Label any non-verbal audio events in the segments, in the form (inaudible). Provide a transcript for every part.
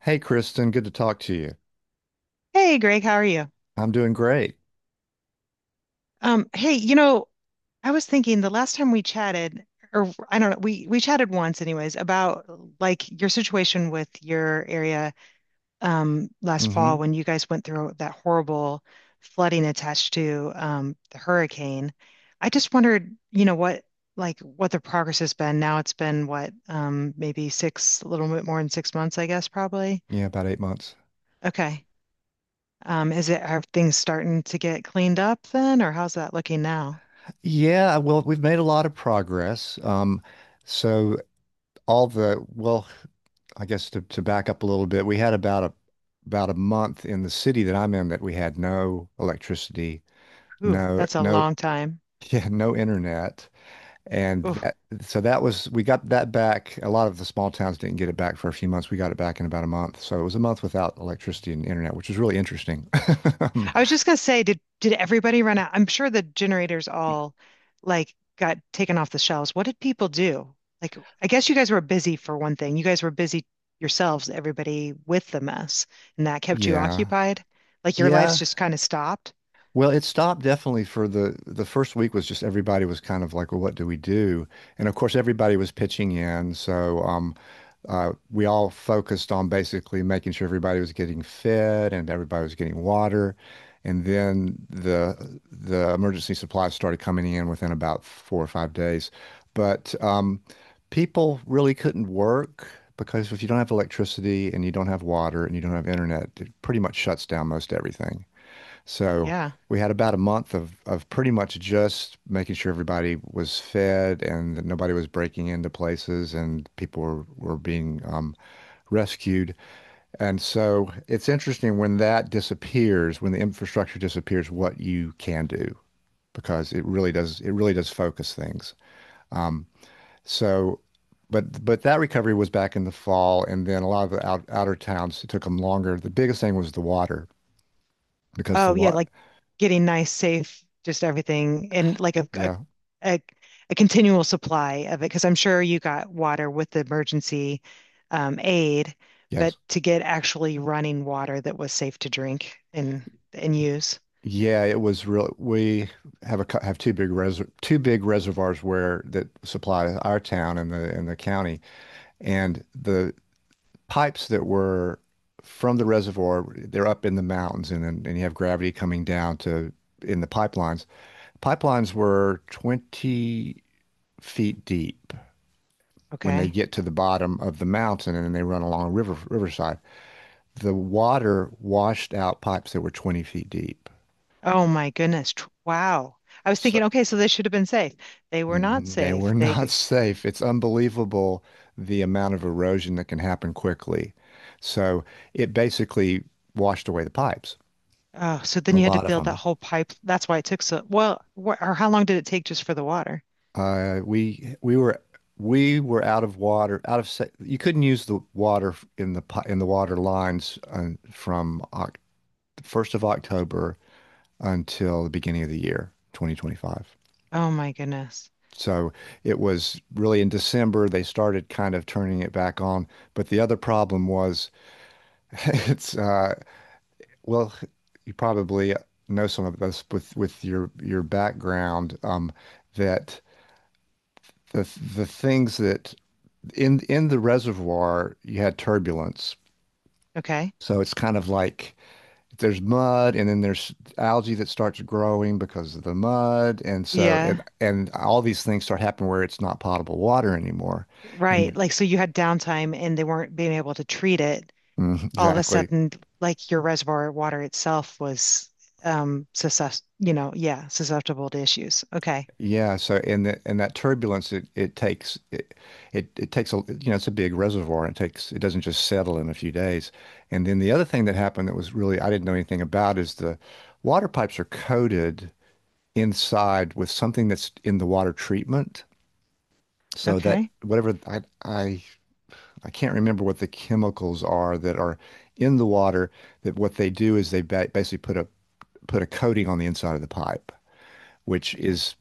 Hey, Kristen, good to talk to you. Hey Greg, how are you? I'm doing great. Hey, I was thinking the last time we chatted, or I don't know, we chatted once anyways about like your situation with your area last fall Hmm when you guys went through that horrible flooding attached to the hurricane. I just wondered, what the progress has been. Now it's been what, maybe six, a little bit more than 6 months, I guess, probably. Yeah, about 8 months. Okay. Is it are things starting to get cleaned up then, or how's that looking now? Yeah, well, we've made a lot of progress. So all the, well, I guess to back up a little bit, we had about a month in the city that I'm in that we had no electricity, Ooh, no that's a no long time. (laughs) yeah, no internet. And Ooh. that, so that was we got that back. A lot of the small towns didn't get it back for a few months. We got it back in about a month. So it was a month without electricity and internet, which was really interesting. (laughs) I was just gonna say, did everybody run out? I'm sure the generators all like got taken off the shelves. What did people do? Like, I guess you guys were busy for one thing. You guys were busy yourselves, everybody with the mess, and that kept you Yeah. occupied. Like your lives Yeah. just kind of stopped. Well, it stopped definitely for the first week. Was just everybody was kind of like, well, what do we do? And of course, everybody was pitching in, so we all focused on basically making sure everybody was getting fed and everybody was getting water. And then the emergency supplies started coming in within about 4 or 5 days. But people really couldn't work, because if you don't have electricity and you don't have water and you don't have internet, it pretty much shuts down most everything. So Yeah. we had about a month of pretty much just making sure everybody was fed and that nobody was breaking into places and people were being rescued. And so it's interesting when that disappears, when the infrastructure disappears, what you can do, because it really does focus things. Um, so but that recovery was back in the fall, and then a lot of the outer towns, it took them longer. The biggest thing was the water, because the Oh yeah, water. like getting nice, safe, just everything, and like Yeah. a, a continual supply of it. Because I'm sure you got water with the emergency aid, but Yes. to get actually running water that was safe to drink and use. Yeah, it was real. We have two big res two big reservoirs where that supply our town and the county, and the pipes that were from the reservoir, they're up in the mountains, and you have gravity coming down to in the pipelines. Pipelines were 20 feet deep when they Okay. get to the bottom of the mountain, and then they run along a riverside. The water washed out pipes that were 20 feet deep. Oh my goodness. Wow. I was thinking, So, okay, so they should have been safe. They were not Mm, they were safe. They. not (laughs) safe. It's unbelievable the amount of erosion that can happen quickly. So it basically washed away the pipes, Oh, so then a you had to lot of build that them. whole pipe. That's why it took so, well, wh or how long did it take just for the water? Uh, we we were we were out of water, out of sa you couldn't use the water in the in the water lines from Oc October 1st until the beginning of the year, 2025. Oh my goodness. So it was really in December they started kind of turning it back on. But the other problem was, (laughs) it's well, you probably know some of this with your background, that the the things that in the reservoir, you had turbulence. Okay. So it's kind of like, there's mud and then there's algae that starts growing because of the mud, and so and Yeah. and all these things start happening where it's not potable water anymore. Right. And Like, so you had downtime and they weren't being able to treat it. All of a exactly. sudden, like your reservoir water itself was yeah, susceptible to issues. Okay. Yeah, so and that turbulence, it takes a, you know, it's a big reservoir and it takes, it doesn't just settle in a few days. And then the other thing that happened that was really I didn't know anything about, is the water pipes are coated inside with something that's in the water treatment. So that Okay. whatever I can't remember what the chemicals are that are in the water, that what they do is they ba basically put a put a coating on the inside of the pipe, which Okay. is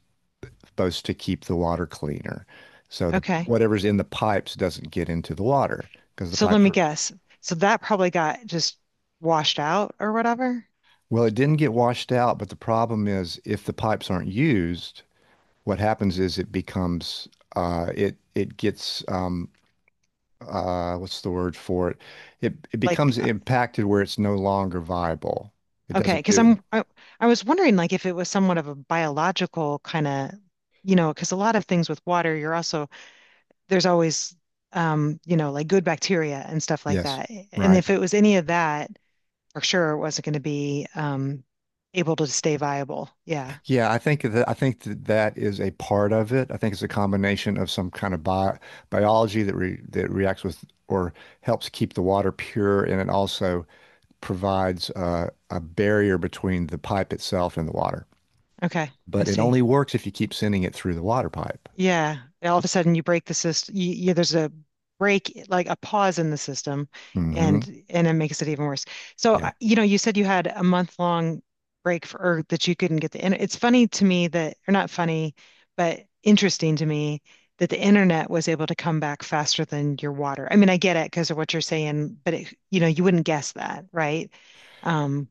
supposed to keep the water cleaner. So the Okay. whatever's in the pipes doesn't get into the water, because the So let pipes me are, guess. So that probably got just washed out or whatever. well, it didn't get washed out, but the problem is if the pipes aren't used, what happens is it becomes it it gets what's the word for it? It? It Like, becomes impacted, where it's no longer viable. It okay, doesn't because do. I was wondering like if it was somewhat of a biological kind of, because a lot of things with water, you're also there's always like good bacteria and stuff like Yes, that. And right. if it was any of that, for sure it wasn't going to be able to stay viable. Yeah. Yeah, I think that that is a part of it. I think it's a combination of some kind of bi biology that re that reacts with, or helps keep the water pure, and it also provides a barrier between the pipe itself and the water. Okay. I But it see. only works if you keep sending it through the water pipe. Yeah, and all of a sudden you break the system. There's a break, like a pause in the system, Hmm and it makes it even worse. So, Yeah. You said you had a month long break for or that you couldn't get the internet. It's funny to me that, or not funny, but interesting to me that the internet was able to come back faster than your water. I mean, I get it because of what you're saying, but you wouldn't guess that, right? Um,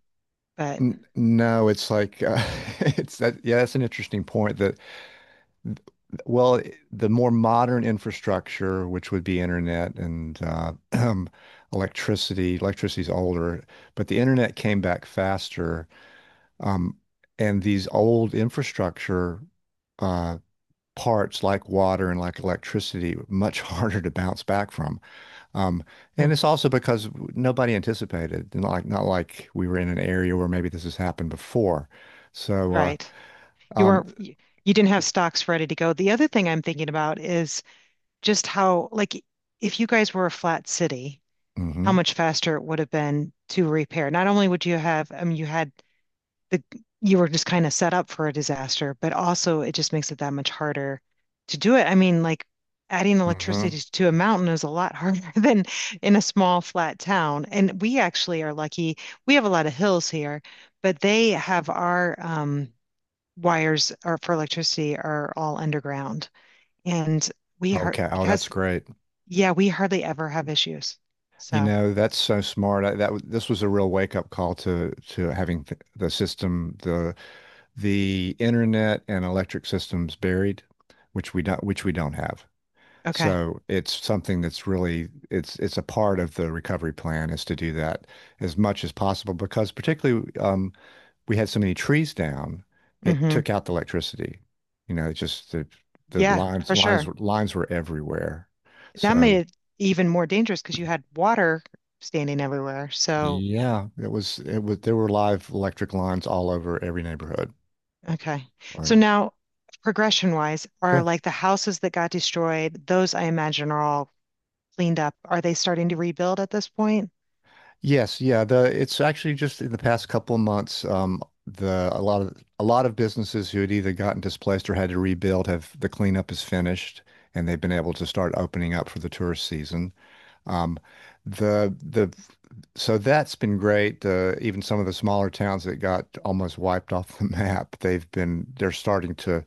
but N No, it's like (laughs) it's that. Yeah, that's an interesting point that, well, the more modern infrastructure, which would be internet and (clears throat) electricity, electricity's older, but the internet came back faster. Um, and these old infrastructure uh, parts, like water and like electricity, were much (laughs) harder to bounce back from. Um, hmm, and it's also because nobody anticipated, not like we were in an area where maybe this has happened before. So, right, you um, weren't. You didn't have stocks ready to go. The other thing I'm thinking about is just how, like, if you guys were a flat city, how mhm, much faster it would have been to repair. Not only would you have, I mean, you had the, you were just kind of set up for a disaster, but also it just makes it that much harder to do it. I mean, like, adding mhm. electricity to a mountain is a lot harder (laughs) than in a small, flat town. And we actually are lucky. We have a lot of hills here, but they have wires are for electricity are all underground, and we are Okay. Oh, that's because great. yeah, we hardly ever have issues. You So, know, that's so smart. This was a real wake-up call to having th the system, the internet and electric systems buried, which we don't have. okay. So it's something that's really, it's a part of the recovery plan, is to do that as much as possible, because particularly we had so many trees down, it Hmm. took out the electricity. You know, it just the Yeah, for lines sure. Were everywhere. That made So it even more dangerous because you had water standing everywhere. So, Yeah, it was there were live electric lines all over every neighborhood. okay. So Like, now, progression wise, are sure. like the houses that got destroyed, those I imagine are all cleaned up. Are they starting to rebuild at this point? Yes, yeah, the it's actually just in the past couple of months, the, a lot of businesses who had either gotten displaced or had to rebuild have, the cleanup is finished and they've been able to start opening up for the tourist season. Um the So that's been great. Even some of the smaller towns that got almost wiped (laughs) off the map, they've been, they're starting to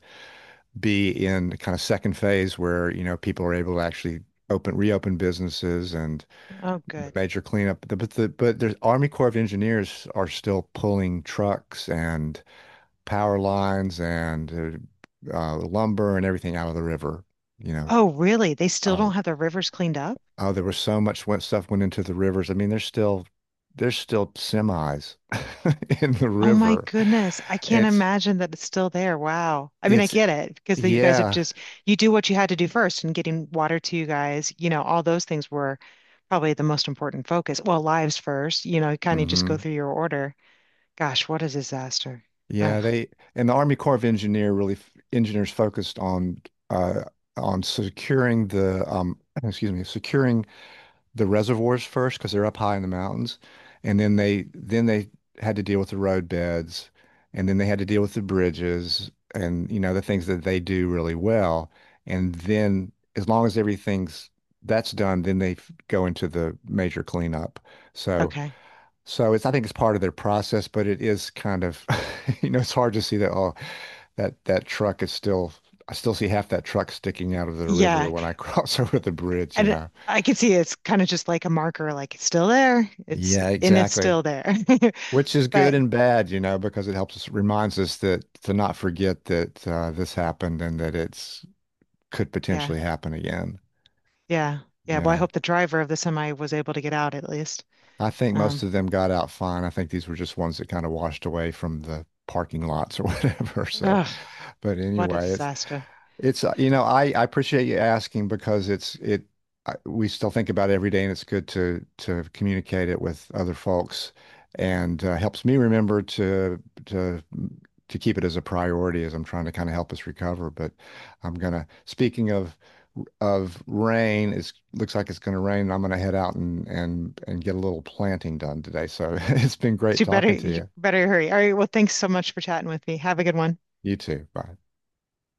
be in kind of second phase where, you know, people are able to actually open reopen businesses and Oh, the good. major cleanup. But the Army Corps of Engineers are still pulling trucks and power lines and lumber and everything out of the river. You know, Oh, really? They still don't oh, have the rivers cleaned up? oh, there was so much went stuff went into the rivers. I mean, there's still semis (laughs) in the Oh my river. goodness. I can't It's imagine that it's still there. Wow. I mean, I it's get it because you guys have yeah. just, you do what you had to do first and getting water to you guys, all those things were probably the most important focus. Well, lives first, kind of just go hmm through your order. Gosh, what a disaster. Oh, Yeah, they, and the Army Corps of engineers focused uh on securing the (clears throat) excuse me, securing the reservoirs first, because they're up high in the mountains, and then they had to deal with the road beds, and then they had to deal with the bridges and you know the things that they do really well, and then as long as everything's that's done, then they go into the major cleanup. So okay. It's, I think it's part of their process, but it is kind of, (laughs) you know, it's hard to see that, oh, that truck is still, I still see half that truck sticking out of the river Yeah. when I cross (laughs) over the bridge, you And know. I can see it's kind of just like a marker, like it's still there. Yeah, And it's exactly. still there. (laughs) Which is good But and bad, you know, because it helps us, reminds us that to not forget that this happened and that it's could yeah, potentially happen again. yeah, yeah. Well, I Yeah. hope the driver of the semi was able to get out at least. I think most Um, of them got out fine. I think these were just ones that kind of washed away from the parking lots or (laughs) whatever. So, ugh. but What a anyway, it's disaster. You know, I appreciate you asking, because it's it I, we still think about it every day, and it's good to communicate it with other folks, and helps me remember to keep it as a priority as I'm trying to kind of help us recover. But I'm gonna, speaking of rain, it looks like it's gonna rain and I'm gonna head out and get a little planting done today. So (laughs) it's been great So you better talking to you you. better hurry. All right, well, thanks so much for chatting with me. Have a good one. You too. Bye.